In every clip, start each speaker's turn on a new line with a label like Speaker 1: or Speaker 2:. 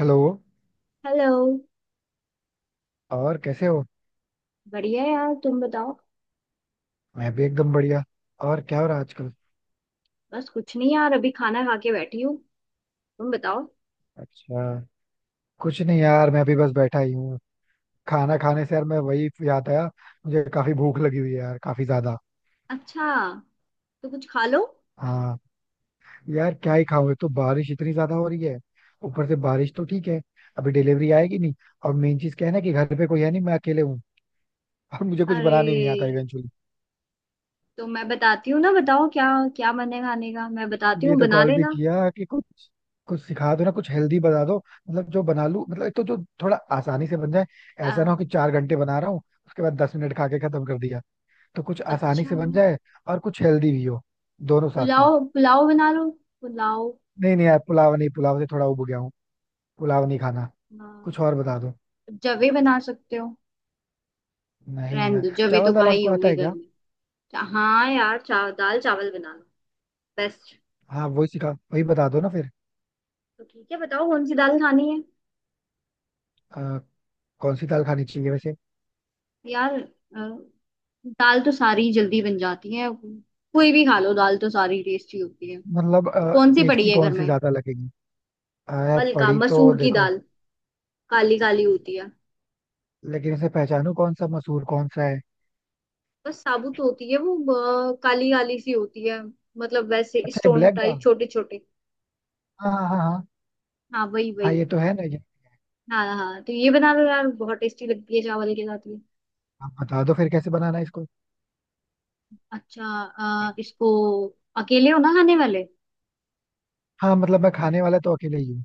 Speaker 1: Hello.
Speaker 2: Hello.
Speaker 1: और कैसे हो?
Speaker 2: बढ़िया यार, तुम बताओ।
Speaker 1: मैं भी एकदम बढ़िया। और क्या हो रहा है आजकल?
Speaker 2: बस कुछ नहीं यार, अभी खाना खा के बैठी हूँ। तुम बताओ।
Speaker 1: अच्छा, कुछ नहीं यार, मैं भी बस बैठा ही हूँ। खाना खाने से यार मैं, वही याद आया। मुझे काफी भूख लगी हुई है यार, काफी ज्यादा।
Speaker 2: अच्छा, तो कुछ खा लो।
Speaker 1: हाँ, यार क्या ही खाऊं, एक तो बारिश इतनी ज्यादा हो रही है। ऊपर से बारिश तो ठीक है, अभी डिलीवरी आएगी नहीं। और मेन चीज क्या है ना कि घर पे कोई है नहीं, मैं अकेले हूँ। और मुझे कुछ
Speaker 2: अरे,
Speaker 1: बनाने नहीं आता इवेंचुअली।
Speaker 2: तो मैं बताती हूँ ना, बताओ क्या क्या बने खाने का, मैं बताती
Speaker 1: लिए
Speaker 2: हूँ
Speaker 1: तो
Speaker 2: बना
Speaker 1: कॉल भी
Speaker 2: लेना।
Speaker 1: किया कि कुछ कुछ सिखा दो ना, कुछ हेल्दी बता दो। मतलब जो बना लूं, मतलब एक तो जो थोड़ा आसानी से बन जाए। ऐसा ना
Speaker 2: अ,
Speaker 1: हो कि 4 घंटे बना रहा हूँ, उसके बाद 10 मिनट खा के खत्म कर दिया। तो कुछ आसानी
Speaker 2: अच्छा,
Speaker 1: से बन जाए, और कुछ हेल्दी भी हो, दोनों साथ
Speaker 2: पुलाव
Speaker 1: साथ।
Speaker 2: पुलाव बना लो। पुलाव।
Speaker 1: नहीं नहीं यार, पुलाव नहीं। पुलाव से थोड़ा उब गया हूँ। पुलाव नहीं खाना।
Speaker 2: अ,
Speaker 1: कुछ और बता दो।
Speaker 2: जवे बना सकते हो?
Speaker 1: नहीं
Speaker 2: रहने
Speaker 1: यार।
Speaker 2: दो, जवे तो
Speaker 1: चावल दाल
Speaker 2: कहाँ ही
Speaker 1: आपको आता
Speaker 2: होंगे
Speaker 1: है
Speaker 2: घर
Speaker 1: क्या?
Speaker 2: में। हाँ यार, दाल चावल बना लो। बेस्ट।
Speaker 1: हाँ वही सिखा, वही बता दो ना फिर।
Speaker 2: तो ठीक है, बताओ कौन सी दाल खानी है?
Speaker 1: अ, कौन सी दाल खानी चाहिए वैसे?
Speaker 2: यार, दाल तो सारी जल्दी बन जाती है। कोई भी खा लो, दाल तो सारी टेस्टी होती है।
Speaker 1: मतलब
Speaker 2: तो कौन सी पड़ी
Speaker 1: टेस्टी
Speaker 2: है घर
Speaker 1: कौन सी
Speaker 2: में?
Speaker 1: ज्यादा लगेगी? यार
Speaker 2: मलका
Speaker 1: पड़ी तो
Speaker 2: मसूर की
Speaker 1: देखो।
Speaker 2: दाल। काली काली होती है।
Speaker 1: लेकिन इसे पहचानू कौन सा मसूर कौन सा है।
Speaker 2: बस साबुत होती है वो। काली काली सी होती है। मतलब वैसे
Speaker 1: अच्छा, ये
Speaker 2: स्टोन
Speaker 1: ब्लैक
Speaker 2: टाइप,
Speaker 1: दाल।
Speaker 2: छोटे छोटे।
Speaker 1: हाँ हाँ हाँ हाँ।
Speaker 2: हाँ वही
Speaker 1: हाँ
Speaker 2: वही।
Speaker 1: ये तो है ना, ये।
Speaker 2: हाँ हाँ, तो ये बना लो यार, बहुत टेस्टी लगती है चावल के साथ ये।
Speaker 1: आप बता दो फिर कैसे बनाना है इसको।
Speaker 2: अच्छा। इसको अकेले हो ना खाने वाले?
Speaker 1: हाँ मतलब मैं खाने वाला तो अकेले ही हूँ।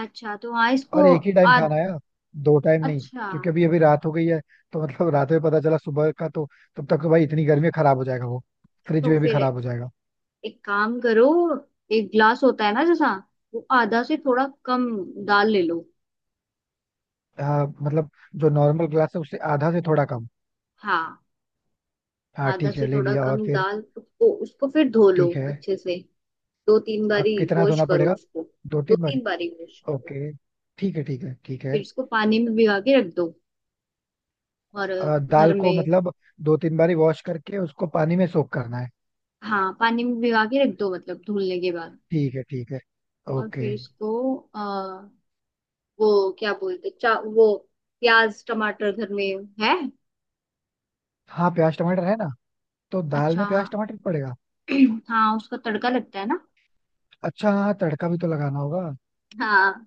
Speaker 2: अच्छा, तो हाँ, इसको।
Speaker 1: और एक ही टाइम खाना
Speaker 2: आद,
Speaker 1: है यार, दो टाइम नहीं।
Speaker 2: अच्छा,
Speaker 1: क्योंकि अभी अभी रात हो गई है। तो मतलब रात में पता चला सुबह का तो, तब तक तो भाई इतनी गर्मी में खराब हो जाएगा वो। फ्रिज
Speaker 2: तो
Speaker 1: में भी
Speaker 2: फिर
Speaker 1: खराब हो जाएगा।
Speaker 2: एक काम करो। एक ग्लास होता है ना जैसा, वो आधा से थोड़ा कम दाल ले लो।
Speaker 1: हाँ मतलब, जो नॉर्मल ग्लास है उससे आधा से थोड़ा कम।
Speaker 2: हाँ,
Speaker 1: हाँ
Speaker 2: आधा
Speaker 1: ठीक
Speaker 2: से
Speaker 1: है, ले
Speaker 2: थोड़ा
Speaker 1: लिया।
Speaker 2: कम
Speaker 1: और फिर?
Speaker 2: दाल, उसको उसको फिर धो लो
Speaker 1: ठीक है।
Speaker 2: अच्छे से। दो तीन
Speaker 1: अब
Speaker 2: बारी
Speaker 1: कितना
Speaker 2: वॉश
Speaker 1: धोना
Speaker 2: करो
Speaker 1: पड़ेगा?
Speaker 2: उसको।
Speaker 1: दो
Speaker 2: दो
Speaker 1: तीन बारी?
Speaker 2: तीन बारी वॉश करो।
Speaker 1: ओके, ठीक है ठीक है ठीक
Speaker 2: फिर
Speaker 1: है।
Speaker 2: इसको पानी में भिगा के रख दो। और घर
Speaker 1: दाल को
Speaker 2: में,
Speaker 1: मतलब दो तीन बारी वॉश करके उसको पानी में सोक करना है?
Speaker 2: हाँ पानी में भिगा के रख दो, मतलब धुलने के बाद।
Speaker 1: ठीक है ठीक है।
Speaker 2: और
Speaker 1: ओके।
Speaker 2: फिर इसको वो क्या बोलते चा वो, प्याज टमाटर घर में है?
Speaker 1: हाँ प्याज टमाटर है ना। तो दाल
Speaker 2: अच्छा
Speaker 1: में
Speaker 2: हाँ।
Speaker 1: प्याज टमाटर पड़ेगा?
Speaker 2: हाँ, उसका तड़का लगता है ना।
Speaker 1: अच्छा हाँ, तड़का भी तो लगाना होगा।
Speaker 2: हाँ,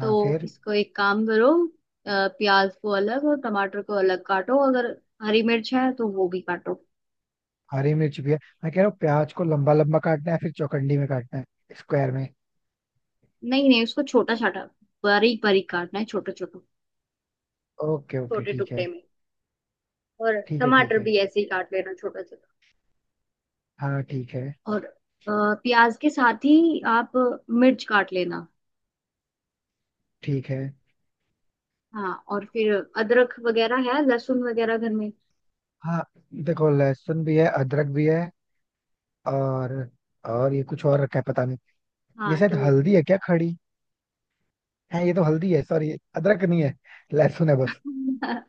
Speaker 2: तो
Speaker 1: फिर?
Speaker 2: इसको एक काम करो। प्याज को अलग और टमाटर को अलग काटो। अगर हरी मिर्च है तो वो भी काटो।
Speaker 1: हरी मिर्च भी है। मैं कह रहा हूँ प्याज को लंबा लंबा काटना है, फिर चौकंडी में काटना है, स्क्वायर में?
Speaker 2: नहीं नहीं, उसको छोटा छोटा, बारीक बारीक काटना है, छोटे छोटे,
Speaker 1: ओके ओके
Speaker 2: छोटे
Speaker 1: ठीक है
Speaker 2: टुकड़े में। और
Speaker 1: ठीक है ठीक
Speaker 2: टमाटर
Speaker 1: है।
Speaker 2: भी ऐसे ही काट लेना, छोटा छोटा।
Speaker 1: हाँ ठीक है
Speaker 2: और प्याज के साथ ही आप मिर्च काट लेना।
Speaker 1: ठीक है।
Speaker 2: हाँ, और फिर अदरक वगैरह है, लहसुन वगैरह घर में?
Speaker 1: हाँ। देखो लहसुन भी है, अदरक भी है। और और ये कुछ और रखा है, पता नहीं। ये
Speaker 2: हाँ
Speaker 1: शायद
Speaker 2: तो।
Speaker 1: हल्दी है क्या खड़ी? है, ये तो हल्दी है, सॉरी। अदरक नहीं है, लहसुन है बस।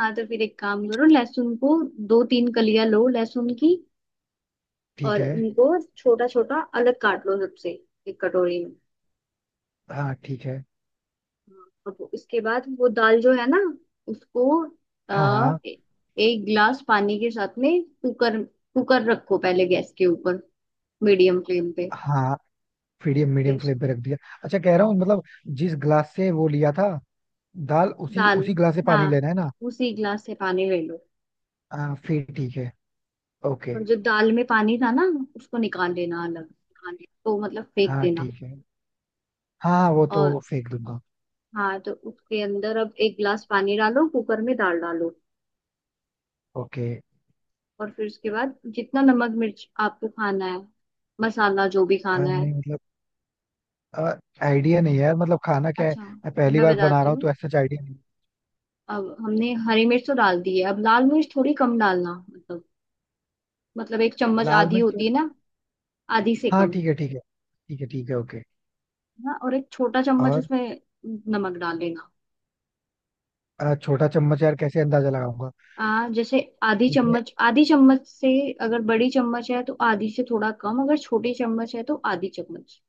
Speaker 2: हाँ, तो फिर एक काम करो, लहसुन को दो तीन कलियां लो लहसुन की।
Speaker 1: ठीक
Speaker 2: और
Speaker 1: है।
Speaker 2: उनको छोटा छोटा अलग काट लो सबसे, एक कटोरी में।
Speaker 1: हाँ ठीक है।
Speaker 2: हाँ, अब इसके बाद वो दाल जो है ना, उसको
Speaker 1: हाँ
Speaker 2: आ,
Speaker 1: हाँ
Speaker 2: ए, एक गिलास पानी के साथ में कुकर, कुकर रखो पहले गैस के ऊपर, मीडियम फ्लेम पे।
Speaker 1: हाँ। मीडियम
Speaker 2: फिर
Speaker 1: मीडियम फ्लेम पे रख दिया। अच्छा, कह रहा हूँ मतलब, जिस ग्लास से वो लिया था दाल, उसी
Speaker 2: दाल।
Speaker 1: उसी ग्लास से
Speaker 2: हाँ,
Speaker 1: पानी लेना है ना?
Speaker 2: उसी गिलास से पानी ले लो।
Speaker 1: हाँ फिर ठीक है ओके।
Speaker 2: और जो दाल में पानी था ना, उसको निकाल लेना अलग,
Speaker 1: हाँ जी।
Speaker 2: तो मतलब फेंक
Speaker 1: हाँ
Speaker 2: देना।
Speaker 1: ठीक है। हाँ हाँ, वो तो
Speaker 2: और
Speaker 1: फेंक दूंगा।
Speaker 2: हाँ, तो उसके अंदर अब एक गिलास पानी डालो कुकर में, दाल डालो।
Speaker 1: ओके।
Speaker 2: और फिर उसके बाद जितना नमक मिर्च आपको खाना है, मसाला जो भी खाना है।
Speaker 1: नहीं मतलब आइडिया नहीं है यार, मतलब खाना क्या है।
Speaker 2: अच्छा,
Speaker 1: मैं पहली
Speaker 2: मैं
Speaker 1: बार बना
Speaker 2: बताती
Speaker 1: रहा हूँ
Speaker 2: हूँ।
Speaker 1: तो ऐसा आइडिया नहीं।
Speaker 2: अब हमने हरी मिर्च तो डाल दी है, अब लाल मिर्च थोड़ी कम डालना, मतलब, मतलब एक चम्मच
Speaker 1: लाल
Speaker 2: आधी
Speaker 1: मिर्च तो?
Speaker 2: होती है ना, आधी से
Speaker 1: हाँ
Speaker 2: कम।
Speaker 1: ठीक है ठीक है, ठीक है ठीक है ओके।
Speaker 2: ना, और एक छोटा चम्मच
Speaker 1: और?
Speaker 2: उसमें नमक डाल लेना।
Speaker 1: छोटा चम्मच यार, कैसे अंदाजा लगाऊंगा?
Speaker 2: जैसे आधी चम्मच, आधी चम्मच से। अगर बड़ी चम्मच है तो आधी से थोड़ा कम, अगर छोटी चम्मच है तो आधी चम्मच।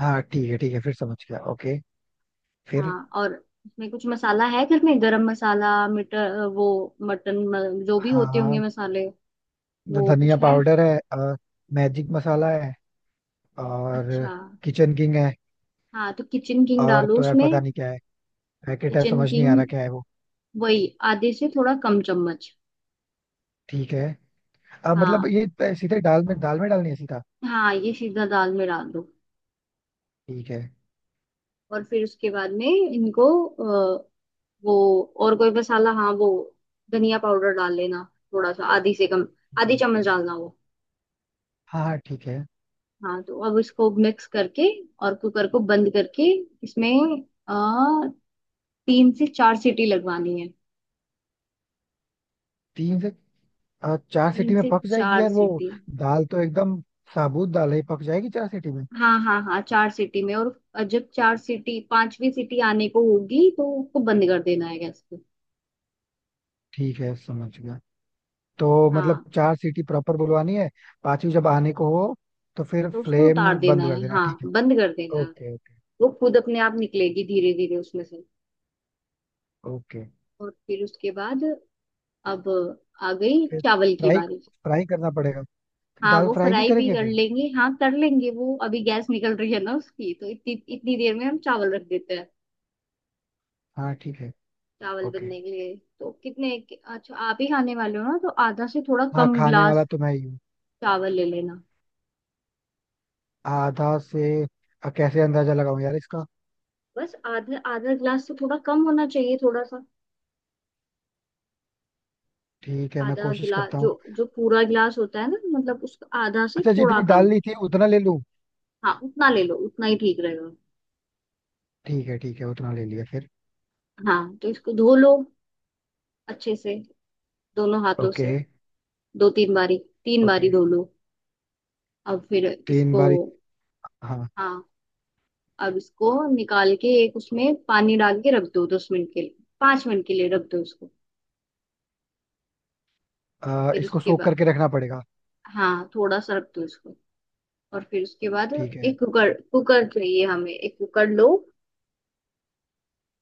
Speaker 1: हाँ ठीक है ठीक है, फिर समझ गया ओके। फिर?
Speaker 2: हाँ, और इसमें कुछ मसाला है घर में? गरम मसाला, मटर वो, मटन जो भी
Speaker 1: हाँ
Speaker 2: होते होंगे
Speaker 1: हाँ।
Speaker 2: मसाले, वो
Speaker 1: धनिया
Speaker 2: कुछ है?
Speaker 1: पाउडर है, और मैजिक मसाला है, और
Speaker 2: अच्छा,
Speaker 1: किचन किंग है।
Speaker 2: हाँ तो किचन किंग
Speaker 1: और
Speaker 2: डालो
Speaker 1: तो यार
Speaker 2: उसमें।
Speaker 1: पता नहीं क्या है, पैकेट है,
Speaker 2: किचन
Speaker 1: समझ नहीं आ
Speaker 2: किंग,
Speaker 1: रहा क्या है वो।
Speaker 2: वही आधे से थोड़ा कम चम्मच।
Speaker 1: ठीक है। अब मतलब
Speaker 2: हाँ।
Speaker 1: ये सीधे दाल में डालनी है सीधा?
Speaker 2: हाँ, ये सीधा दाल में डाल दो।
Speaker 1: ठीक है
Speaker 2: और फिर उसके बाद में इनको वो और कोई मसाला, हाँ वो, धनिया पाउडर डाल लेना, थोड़ा सा, आधी से कम।
Speaker 1: ठीक
Speaker 2: आधी
Speaker 1: है।
Speaker 2: चम्मच डालना वो।
Speaker 1: हाँ हाँ ठीक है।
Speaker 2: हाँ, तो अब इसको मिक्स करके और कुकर को बंद करके, इसमें आ, तीन से चार सीटी लगवानी है।
Speaker 1: तीन से, चार
Speaker 2: तीन
Speaker 1: सीटी में
Speaker 2: से
Speaker 1: पक जाएगी
Speaker 2: चार
Speaker 1: यार वो?
Speaker 2: सीटी।
Speaker 1: दाल तो एकदम, साबुत दाल है, पक जाएगी चार सीटी में।
Speaker 2: हाँ हाँ हाँ, चार सीटी में। और जब चार सीटी, पांचवी सीटी आने को होगी, तो उसको बंद कर देना है गैस को।
Speaker 1: ठीक है समझ गया। तो मतलब
Speaker 2: हाँ,
Speaker 1: चार सीटी प्रॉपर बुलवानी है? पांचवी जब आने को हो तो फिर
Speaker 2: तो उसको
Speaker 1: फ्लेम
Speaker 2: उतार देना
Speaker 1: बंद कर
Speaker 2: है,
Speaker 1: देना
Speaker 2: हाँ
Speaker 1: ठीक है?
Speaker 2: बंद कर देना है।
Speaker 1: ओके ओके
Speaker 2: वो खुद अपने आप निकलेगी धीरे धीरे उसमें से।
Speaker 1: ओके।
Speaker 2: और फिर उसके बाद अब आ गई
Speaker 1: फिर?
Speaker 2: चावल की
Speaker 1: फ्राई
Speaker 2: बारी।
Speaker 1: फ्राई करना पड़ेगा?
Speaker 2: हाँ,
Speaker 1: दाल
Speaker 2: वो
Speaker 1: फ्राई नहीं
Speaker 2: फ्राई भी
Speaker 1: करेंगे
Speaker 2: कर
Speaker 1: फिर?
Speaker 2: लेंगे, हाँ कर लेंगे वो। अभी गैस निकल रही है ना उसकी, तो इतनी इतनी देर में हम चावल रख देते हैं
Speaker 1: हाँ ठीक है
Speaker 2: चावल
Speaker 1: ओके।
Speaker 2: बनने के लिए। तो कितने अच्छा, आप ही खाने वाले हो ना, तो आधा से थोड़ा
Speaker 1: हाँ,
Speaker 2: कम
Speaker 1: खाने
Speaker 2: गिलास
Speaker 1: वाला तो मैं ही हूँ।
Speaker 2: चावल ले लेना।
Speaker 1: आधा से, कैसे अंदाजा लगाऊं यार इसका?
Speaker 2: बस आधा, आधा गिलास से थोड़ा कम होना चाहिए, थोड़ा सा।
Speaker 1: ठीक है मैं
Speaker 2: आधा
Speaker 1: कोशिश
Speaker 2: गिलास
Speaker 1: करता
Speaker 2: जो,
Speaker 1: हूँ।
Speaker 2: जो पूरा गिलास होता है ना, मतलब उसका आधा से
Speaker 1: अच्छा
Speaker 2: थोड़ा
Speaker 1: जितनी दाल
Speaker 2: कम।
Speaker 1: ली थी उतना ले लूँ?
Speaker 2: हाँ, उतना ले लो, उतना ही ठीक रहेगा।
Speaker 1: ठीक है ठीक है, उतना ले लिया। फिर?
Speaker 2: हाँ, तो इसको धो लो अच्छे से, दोनों हाथों
Speaker 1: ओके
Speaker 2: से। दो तीन बारी, तीन
Speaker 1: ओके।
Speaker 2: बारी धो लो। अब फिर
Speaker 1: तीन
Speaker 2: इसको,
Speaker 1: बारी? हाँ।
Speaker 2: हाँ, अब इसको निकाल के एक उसमें पानी डाल के रख दो, 10 मिनट के लिए, 5 मिनट के लिए रख दो उसको। फिर
Speaker 1: इसको
Speaker 2: उसके
Speaker 1: सोख
Speaker 2: बाद,
Speaker 1: करके रखना पड़ेगा?
Speaker 2: हाँ, थोड़ा सा रख दो इसको। और फिर उसके बाद
Speaker 1: ठीक है।
Speaker 2: एक कुकर कुकर चाहिए हमें, एक कुकर लो।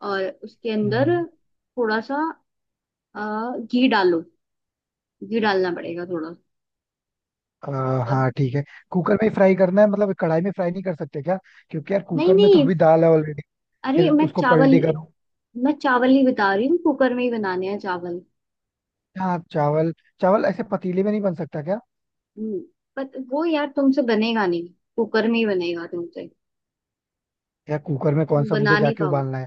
Speaker 2: और उसके अंदर
Speaker 1: हम्म।
Speaker 2: थोड़ा सा अ, घी डालो, घी डालना पड़ेगा थोड़ा।
Speaker 1: आ,
Speaker 2: और
Speaker 1: हाँ ठीक है। कुकर में ही फ्राई करना है मतलब? कढ़ाई में फ्राई नहीं कर सकते क्या? क्योंकि यार
Speaker 2: नहीं
Speaker 1: कुकर में तो
Speaker 2: नहीं,
Speaker 1: अभी दाल है ऑलरेडी।
Speaker 2: अरे
Speaker 1: फिर
Speaker 2: मैं
Speaker 1: उसको
Speaker 2: चावल,
Speaker 1: पलटी करो।
Speaker 2: मैं चावल ही बता रही हूँ, कुकर में ही बनाने हैं चावल।
Speaker 1: हाँ चावल चावल ऐसे पतीले में नहीं बन सकता क्या?
Speaker 2: हम्म, पर वो यार तुमसे बनेगा नहीं, कुकर में ही बनेगा तुमसे।
Speaker 1: यार कुकर में कौन
Speaker 2: तुम
Speaker 1: सा मुझे
Speaker 2: बना नहीं
Speaker 1: जाके
Speaker 2: पाओ।
Speaker 1: उबालना है?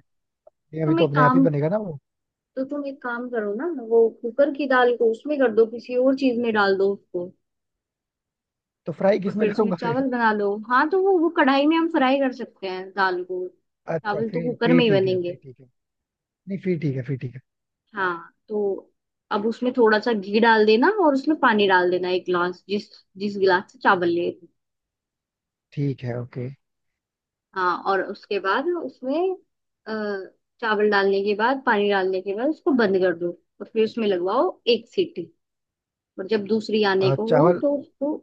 Speaker 1: ये अभी
Speaker 2: तुम
Speaker 1: तो
Speaker 2: एक
Speaker 1: अपने आप ही
Speaker 2: काम,
Speaker 1: बनेगा ना वो।
Speaker 2: तो तुम एक काम करो ना, वो कुकर की दाल को उसमें कर दो, किसी और चीज में डाल दो उसको।
Speaker 1: तो फ्राई
Speaker 2: और
Speaker 1: किस में
Speaker 2: फिर उसमें
Speaker 1: करूंगा फिर?
Speaker 2: चावल बना लो। हाँ, तो वो कढ़ाई में हम फ्राई कर सकते हैं दाल को,
Speaker 1: अच्छा
Speaker 2: चावल तो
Speaker 1: फिर
Speaker 2: कुकर में
Speaker 1: फिर
Speaker 2: ही
Speaker 1: ठीक है। फिर
Speaker 2: बनेंगे।
Speaker 1: ठीक है। नहीं फिर ठीक है, फिर
Speaker 2: हाँ, तो अब उसमें थोड़ा सा घी डाल देना, और उसमें पानी डाल देना, एक गिलास, जिस जिस गिलास से चावल लिए थे।
Speaker 1: ठीक है ओके।
Speaker 2: हाँ, और उसके बाद उसमें अ, चावल डालने के बाद, पानी डालने के बाद, उसको बंद कर दो। और फिर उसमें लगवाओ एक सीटी, और जब दूसरी आने को हो
Speaker 1: चावल?
Speaker 2: तो उसको,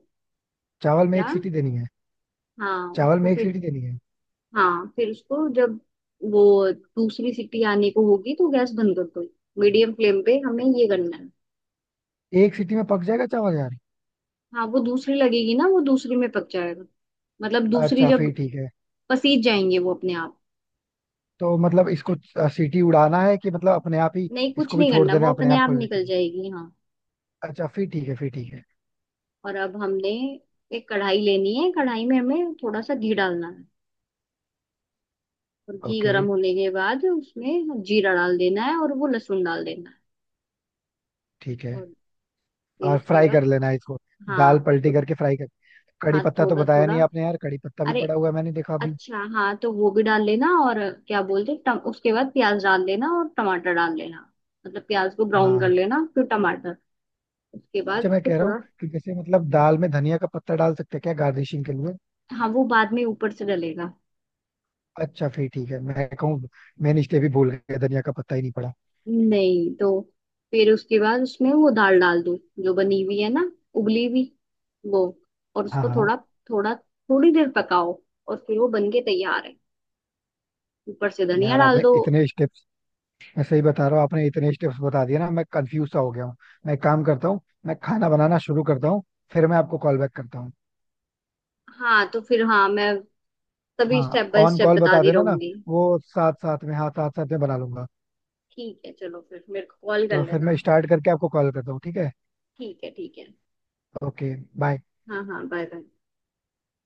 Speaker 1: चावल में एक
Speaker 2: क्या?
Speaker 1: सीटी देनी है?
Speaker 2: हाँ,
Speaker 1: चावल
Speaker 2: उसको
Speaker 1: में एक
Speaker 2: फिर,
Speaker 1: सीटी देनी है?
Speaker 2: हाँ, फिर उसको जब वो दूसरी सीटी आने को होगी, तो गैस बंद कर दो। मीडियम फ्लेम पे हमें ये करना है।
Speaker 1: एक सीटी में पक जाएगा चावल यार?
Speaker 2: हाँ, वो दूसरी लगेगी ना, वो दूसरी में पक जाएगा, मतलब दूसरी
Speaker 1: अच्छा
Speaker 2: जब
Speaker 1: फिर ठीक है।
Speaker 2: पसीज जाएंगे वो अपने आप।
Speaker 1: तो मतलब इसको सीटी उड़ाना है कि मतलब अपने आप ही?
Speaker 2: नहीं, कुछ
Speaker 1: इसको भी
Speaker 2: नहीं
Speaker 1: छोड़
Speaker 2: करना,
Speaker 1: देना
Speaker 2: वो
Speaker 1: है अपने
Speaker 2: अपने
Speaker 1: आप
Speaker 2: आप
Speaker 1: को लेकर?
Speaker 2: निकल जाएगी, हाँ।
Speaker 1: अच्छा फिर ठीक है, फिर ठीक है
Speaker 2: और अब हमने एक कढ़ाई लेनी है, कढ़ाई में हमें थोड़ा सा घी डालना है। और घी
Speaker 1: ओके
Speaker 2: गर्म होने के बाद उसमें जीरा डाल देना है, और वो लहसुन डाल देना है।
Speaker 1: ठीक है।
Speaker 2: और फिर
Speaker 1: और
Speaker 2: उसके
Speaker 1: फ्राई
Speaker 2: बाद,
Speaker 1: कर लेना है इसको?
Speaker 2: हाँ
Speaker 1: दाल पलटी करके फ्राई कर? कड़ी
Speaker 2: हाँ,
Speaker 1: पत्ता तो
Speaker 2: थोड़ा
Speaker 1: बताया
Speaker 2: थोड़ा।
Speaker 1: नहीं आपने यार, कड़ी पत्ता भी
Speaker 2: अरे,
Speaker 1: पड़ा हुआ है मैंने देखा अभी।
Speaker 2: अच्छा हाँ, तो वो भी डाल लेना। और क्या बोलते हैं, उसके बाद प्याज डाल लेना और टमाटर डाल लेना। मतलब प्याज को ब्राउन कर
Speaker 1: हाँ।
Speaker 2: लेना, फिर टमाटर। उसके बाद
Speaker 1: अच्छा मैं
Speaker 2: उसको
Speaker 1: कह रहा हूँ
Speaker 2: थोड़ा,
Speaker 1: कि जैसे मतलब दाल में धनिया का पत्ता डाल सकते हैं क्या गार्निशिंग के लिए?
Speaker 2: हाँ, वो बाद में ऊपर से डलेगा।
Speaker 1: अच्छा फिर ठीक है, मैं कहूँ। मैंने स्टेप ही भूल गया, धनिया का पत्ता ही नहीं पड़ा।
Speaker 2: नहीं, तो फिर उसके बाद उसमें वो दाल डाल दो, जो बनी हुई है ना, उबली हुई वो। और
Speaker 1: हाँ
Speaker 2: उसको
Speaker 1: हाँ।
Speaker 2: थोड़ा थोड़ा थोड़ी देर पकाओ, और फिर वो बन के तैयार है, ऊपर से धनिया
Speaker 1: यार
Speaker 2: डाल
Speaker 1: आपने
Speaker 2: दो।
Speaker 1: इतने स्टेप, मैं सही बता रहा हूँ आपने इतने स्टेप्स बता दिए ना, मैं कंफ्यूज सा हो गया हूँ। मैं एक काम करता हूँ, मैं खाना बनाना शुरू करता हूँ, फिर मैं आपको कॉल बैक करता हूँ।
Speaker 2: हाँ तो फिर, हाँ, मैं तभी
Speaker 1: हाँ
Speaker 2: step by
Speaker 1: on
Speaker 2: step
Speaker 1: call बता
Speaker 2: बताती
Speaker 1: देना ना,
Speaker 2: रहूंगी।
Speaker 1: वो साथ
Speaker 2: हाँ,
Speaker 1: साथ में, हाँ साथ साथ में बना लूंगा।
Speaker 2: ठीक है, चलो फिर मेरे को कॉल कर
Speaker 1: तो फिर मैं
Speaker 2: लेना।
Speaker 1: स्टार्ट करके आपको कॉल करता हूँ ठीक है?
Speaker 2: ठीक है, ठीक है।
Speaker 1: ओके। बाय।
Speaker 2: हाँ हाँ, बाय बाय।